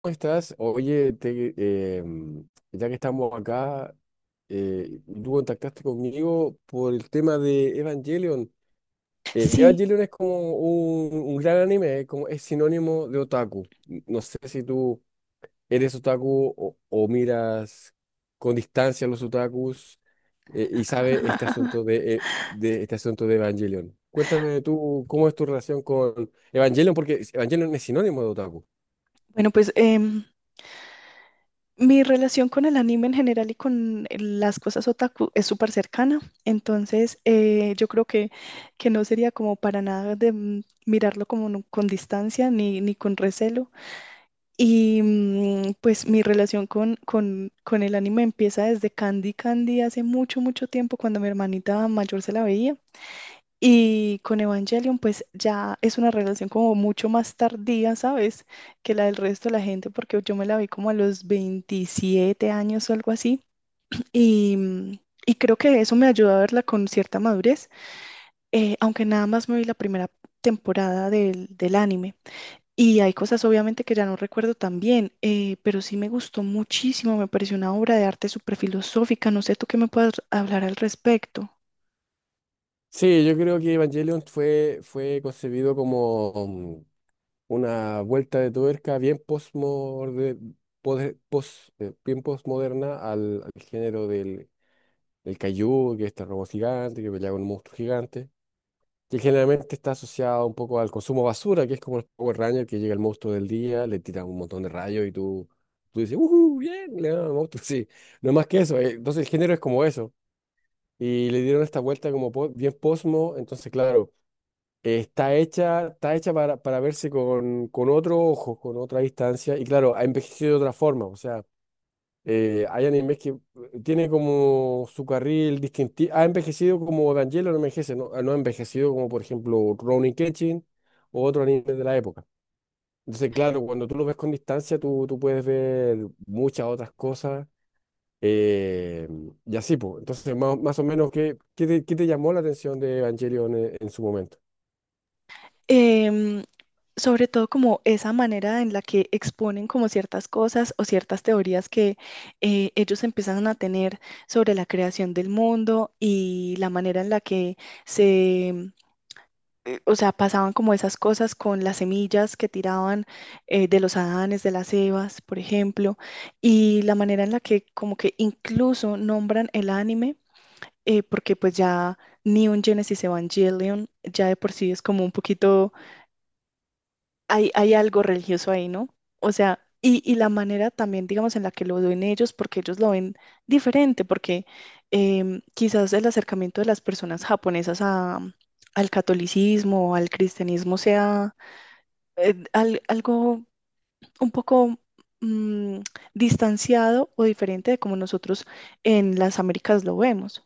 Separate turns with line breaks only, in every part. ¿Cómo estás? Oye, ya que estamos acá, tú contactaste conmigo por el tema de Evangelion.
Sí.
Evangelion es como un gran anime, es como, es sinónimo de otaku. No sé si tú eres otaku o miras con distancia a los otakus, y sabes este asunto de este asunto de Evangelion. Cuéntame tú cómo es tu relación con Evangelion, porque Evangelion es sinónimo de otaku.
Bueno, pues mi relación con el anime en general y con las cosas otaku es súper cercana. Entonces yo creo que no sería como para nada de mirarlo como no- con distancia ni con recelo. Y pues mi relación con el anime empieza desde Candy Candy hace mucho, mucho tiempo cuando mi hermanita mayor se la veía. Y con Evangelion, pues ya es una relación como mucho más tardía, ¿sabes? Que la del resto de la gente, porque yo me la vi como a los 27 años o algo así. Y, mm, y creo que eso me ayudó a verla con cierta madurez, aunque nada más me vi la primera temporada del anime. Y hay cosas obviamente que ya no recuerdo tan bien, pero sí me gustó muchísimo, me pareció una obra de arte súper filosófica. No sé tú qué me puedas hablar al respecto.
Sí, yo creo que Evangelion fue concebido como una vuelta de tuerca bien postmoderna al género del kaiju, que es este robot gigante, que pelea con un monstruo gigante, que generalmente está asociado un poco al consumo basura, que es como el Power Ranger, que llega el monstruo del día, le tira un montón de rayos y tú dices, ¡Uhú! ¡Bien! Le dan al monstruo, sí, no es más que eso. Entonces el género es como eso. Y le dieron esta vuelta como po- bien posmo, entonces claro, está hecha para verse con otro ojo, con otra distancia, y claro, ha envejecido de otra forma, o sea, hay animes que tiene como su carril distintivo, ha envejecido como Evangelion no envejece, no ha envejecido como por ejemplo Rurouni Kenshin o otro anime de la época. Entonces, claro, cuando tú lo ves con distancia, tú puedes ver muchas otras cosas. eh, y así, pues. Entonces, más o menos, ¿qué te llamó la atención de Evangelion en su momento?
em, Sobre todo como esa manera en la que exponen como ciertas cosas o ciertas teorías que ellos empiezan a tener sobre la creación del mundo y la manera en la que se, em, o sea, pasaban como esas cosas con las semillas que tiraban, de los Adanes, de las Evas, por ejemplo, y la manera en la que como que incluso nombran el anime, porque pues ya Neon Genesis Evangelion ya de por sí es como un poquito, hay algo religioso ahí, ¿no? O sea, y la manera también, digamos, en la que lo ven ellos, porque ellos lo ven diferente, porque quizás el acercamiento de las personas japonesas a, al catolicismo o al cristianismo sea, algo un poco mm, distanciado o diferente de como nosotros en las Américas lo vemos.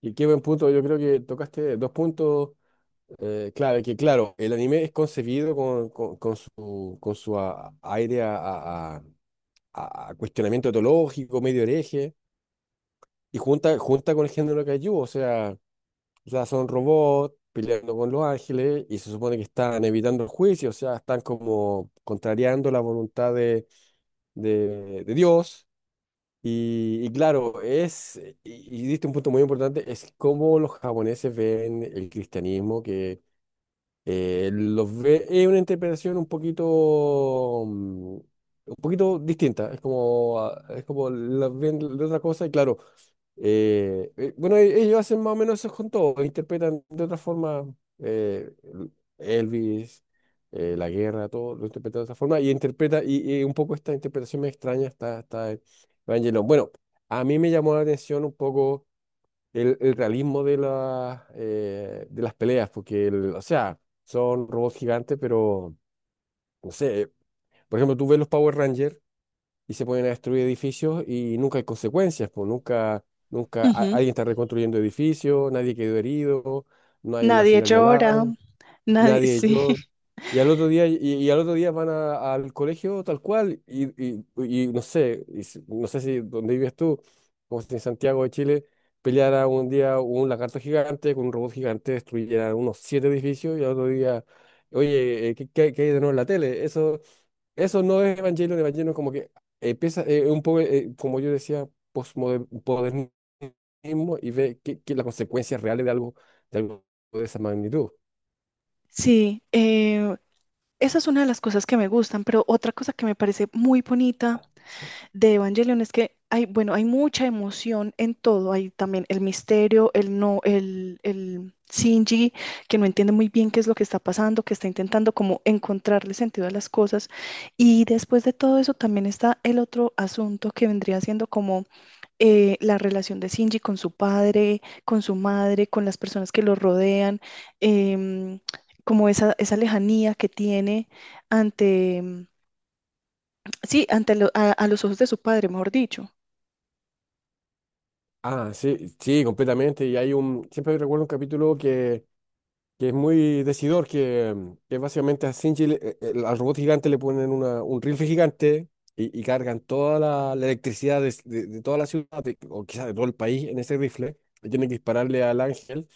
Y qué buen punto, yo creo que tocaste dos puntos, clave, que claro, el anime es concebido con su aire a cuestionamiento etológico, medio hereje, y junta con el género kaiju, o sea, son robots peleando con los ángeles y se supone que están evitando el juicio, o sea, están como contrariando la voluntad de Dios. Y claro, es, y diste un punto muy importante, es cómo los japoneses ven el cristianismo, que los ve, es una interpretación un poquito distinta, es como las ven de otra cosa y claro, bueno, ellos hacen más o menos eso con todo, interpretan de otra forma, eh, Elvis, la guerra, todo lo interpretan de otra forma y un poco esta interpretación me extraña, está Evangelion. Bueno, a mí me llamó la atención un poco el realismo de las peleas, porque, o sea, son robots gigantes, pero, no sé, por ejemplo, tú ves los Power Rangers y se ponen a destruir edificios y nunca hay consecuencias, pues nunca
Ujú.
alguien está reconstruyendo edificios, nadie quedó herido, no hay una
Nadie
señal de
llora,
alarma.
nadie,
Nadie,
sí.
yo. Y al otro día, van al colegio tal cual, y no sé, no sé si donde vives tú, como si en Santiago de Chile, peleara un día un lagarto gigante con un robot gigante, destruyera unos siete edificios, y al otro día, oye, ¿qué hay de nuevo en la tele? Eso no es Evangelion, Evangelion como que empieza un poco, como yo decía, postmodernismo y ve que las consecuencias reales de algo, de esa magnitud.
Sí, esa es una de las cosas que me gustan, pero otra cosa que me parece muy bonita de Evangelion es que hay, bueno, hay mucha emoción en todo. Hay también el misterio, el Shinji, que no entiende muy bien qué es lo que está pasando, que está intentando como encontrarle sentido a las cosas. Y después de todo eso también está el otro asunto que vendría siendo como la relación de Shinji con su padre, con su madre, con las personas que lo rodean. em, Como esa lejanía que tiene ante, sí, ante a los ojos de su padre, mejor dicho.
Ah, sí, sí, completamente. Y hay un, siempre recuerdo un capítulo que es muy decidor, que básicamente a Shinji, al robot gigante le ponen un rifle gigante y cargan toda la electricidad de toda la ciudad, o quizás de todo el país, en ese rifle. Y tienen que dispararle al ángel.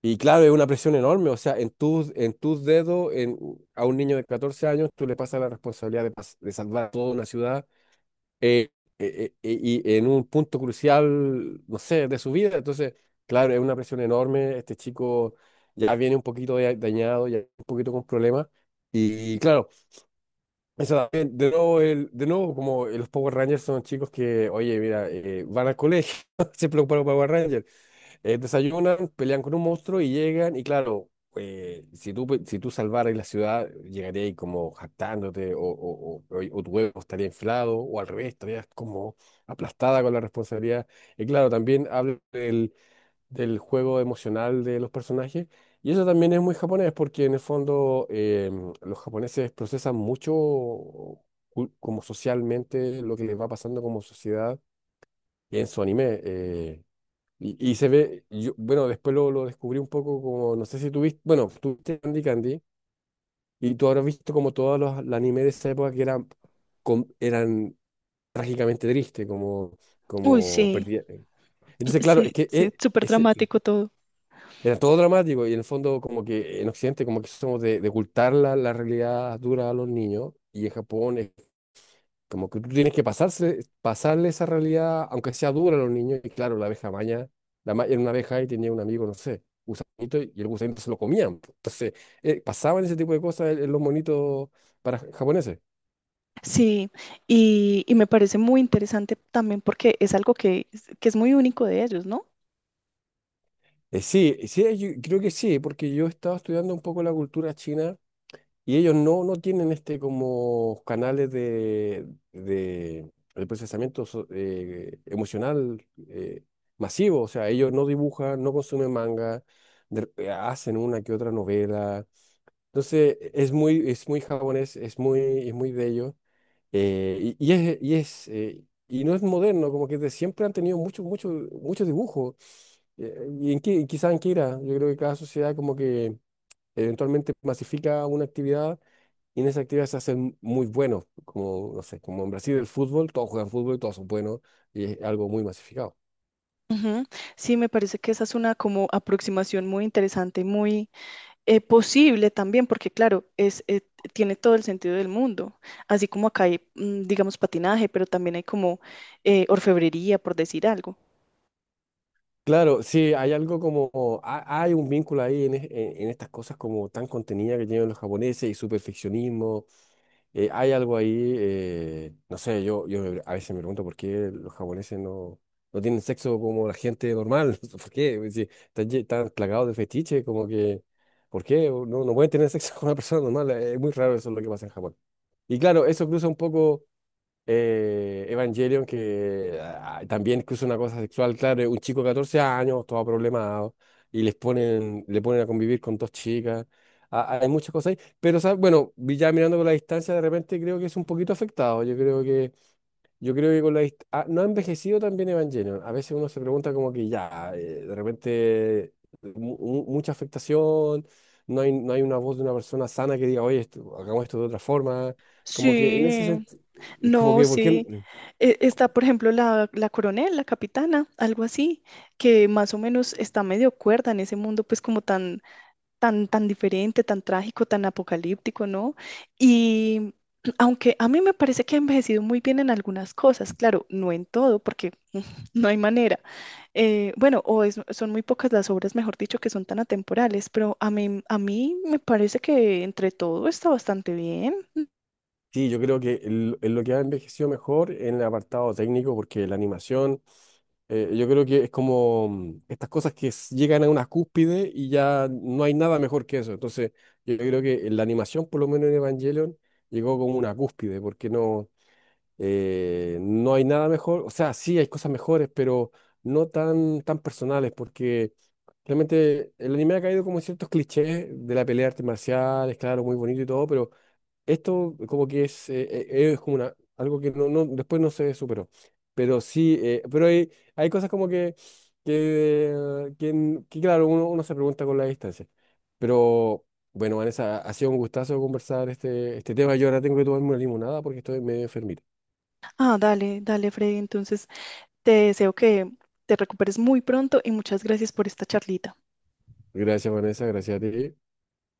Y claro, es una presión enorme. O sea, en tus dedos, a un niño de 14 años, tú le pasas la responsabilidad de salvar toda una ciudad, eh, y en un punto crucial, no sé, de su vida. Entonces, claro, es una presión enorme. Este chico ya viene un poquito dañado, ya un poquito con problemas. Y claro, eso también, de nuevo, como los Power Rangers son chicos que, oye, mira, van al colegio, se preocupan por los Power Rangers. Desayunan, pelean con un monstruo y llegan, y claro, si tú salvaras la ciudad, llegarías como jactándote, o tu huevo estaría inflado, o al revés, estarías como aplastada con la responsabilidad. Y claro, también habla del juego emocional de los personajes, y eso también es muy japonés, porque en el fondo los japoneses procesan mucho como socialmente lo que les va pasando como sociedad en su anime. Y se ve, yo, bueno, después lo descubrí un poco como, no sé si tuviste, bueno, tuviste Candy Candy, y tú habrás visto como todos los animes de esa época que eran trágicamente tristes, como,
Uy,
como
sí.
perdida. Entonces, claro,
Sí,
es que
sí, súper dramático todo.
era todo dramático, y en el fondo como que en Occidente como que somos de ocultar la realidad dura a los niños, y en Japón es como que tú tienes que pasarle esa realidad, aunque sea dura a los niños. Y claro, la abeja maña, era una abeja y tenía un amigo, no sé, gusanito, y el gusanito se lo comían, po. Entonces, pasaban ese tipo de cosas en los monitos para japoneses.
Sí, y me parece muy interesante también porque es algo que es muy único de ellos, ¿no?
Sí, sí, yo creo que sí, porque yo estaba estudiando un poco la cultura china. Y ellos no, no tienen este como canales de procesamiento emocional, masivo. O sea, ellos no dibujan, no consumen manga, hacen una que otra novela. Entonces, es muy japonés, es muy de ellos. Y no es moderno, como que de siempre han tenido mucho, mucho, mucho dibujo. Y en qué, quizás en qué irá. Yo creo que cada sociedad como que eventualmente masifica una actividad y en esa actividad se hacen muy buenos, como, no sé, como en Brasil el fútbol, todos juegan fútbol, y todos son buenos, y es algo muy masificado.
Ujú. Sí, me parece que esa es una como aproximación muy interesante, muy, posible también, porque claro, es, tiene todo el sentido del mundo, así como acá hay, digamos, patinaje, pero también hay como orfebrería, por decir algo.
Claro, sí, hay algo como, hay un vínculo ahí en estas cosas como tan contenidas que tienen los japoneses y su perfeccionismo, hay algo ahí, no sé, a veces me pregunto por qué los japoneses no, no tienen sexo como la gente normal, no sé, ¿por qué? Es decir, están, están plagados de fetiche, como que, ¿por qué? No, no pueden tener sexo con una persona normal, es muy raro eso lo que pasa en Japón. Y claro, eso cruza un poco, Evangelion, que también cruza una cosa sexual, claro, es un chico de 14 años, todo problemado, y le ponen a convivir con dos chicas. Ah, hay muchas cosas ahí, pero ¿sabes? Bueno, vi ya mirando con la distancia, de repente creo que es un poquito afectado. Yo creo que con la no ha envejecido también Evangelion. A veces uno se pregunta como que ya, de repente mucha afectación, no hay una voz de una persona sana que diga, oye, hagamos esto de otra forma. Como que en ese
Sí,
sentido, es como
no,
que, ¿por qué?
sí. Está, por ejemplo, la coronel, la capitana, algo así, que más o menos está medio cuerda en ese mundo, pues como tan, tan, tan diferente, tan trágico, tan apocalíptico, ¿no? Y aunque a mí me parece que ha envejecido muy bien en algunas cosas, claro, no en todo, porque no hay manera. Bueno, son muy pocas las obras, mejor dicho, que son tan atemporales, pero a mí me parece que entre todo está bastante bien.
Sí, yo creo que en lo que ha envejecido mejor en el apartado técnico, porque la animación... yo creo que es como, estas cosas que llegan a una cúspide y ya no hay nada mejor que eso. Entonces, yo creo que la animación, por lo menos en Evangelion, llegó como una cúspide, porque no, no hay nada mejor. O sea, sí hay cosas mejores, pero no tan personales, porque realmente el anime ha caído como en ciertos clichés de la pelea de artes marciales, claro, muy bonito y todo, pero esto como que es como algo que no, no, después no se superó. Pero sí, pero hay cosas como que claro, uno se pregunta con la distancia. Pero bueno, Vanessa, ha sido un gustazo conversar este tema. Yo ahora tengo que tomarme una limonada porque estoy medio enfermito.
Ah, dale, dale, Freddy. Entonces, te deseo que te recuperes muy pronto y muchas gracias por esta charlita.
Gracias, Vanessa, gracias a ti.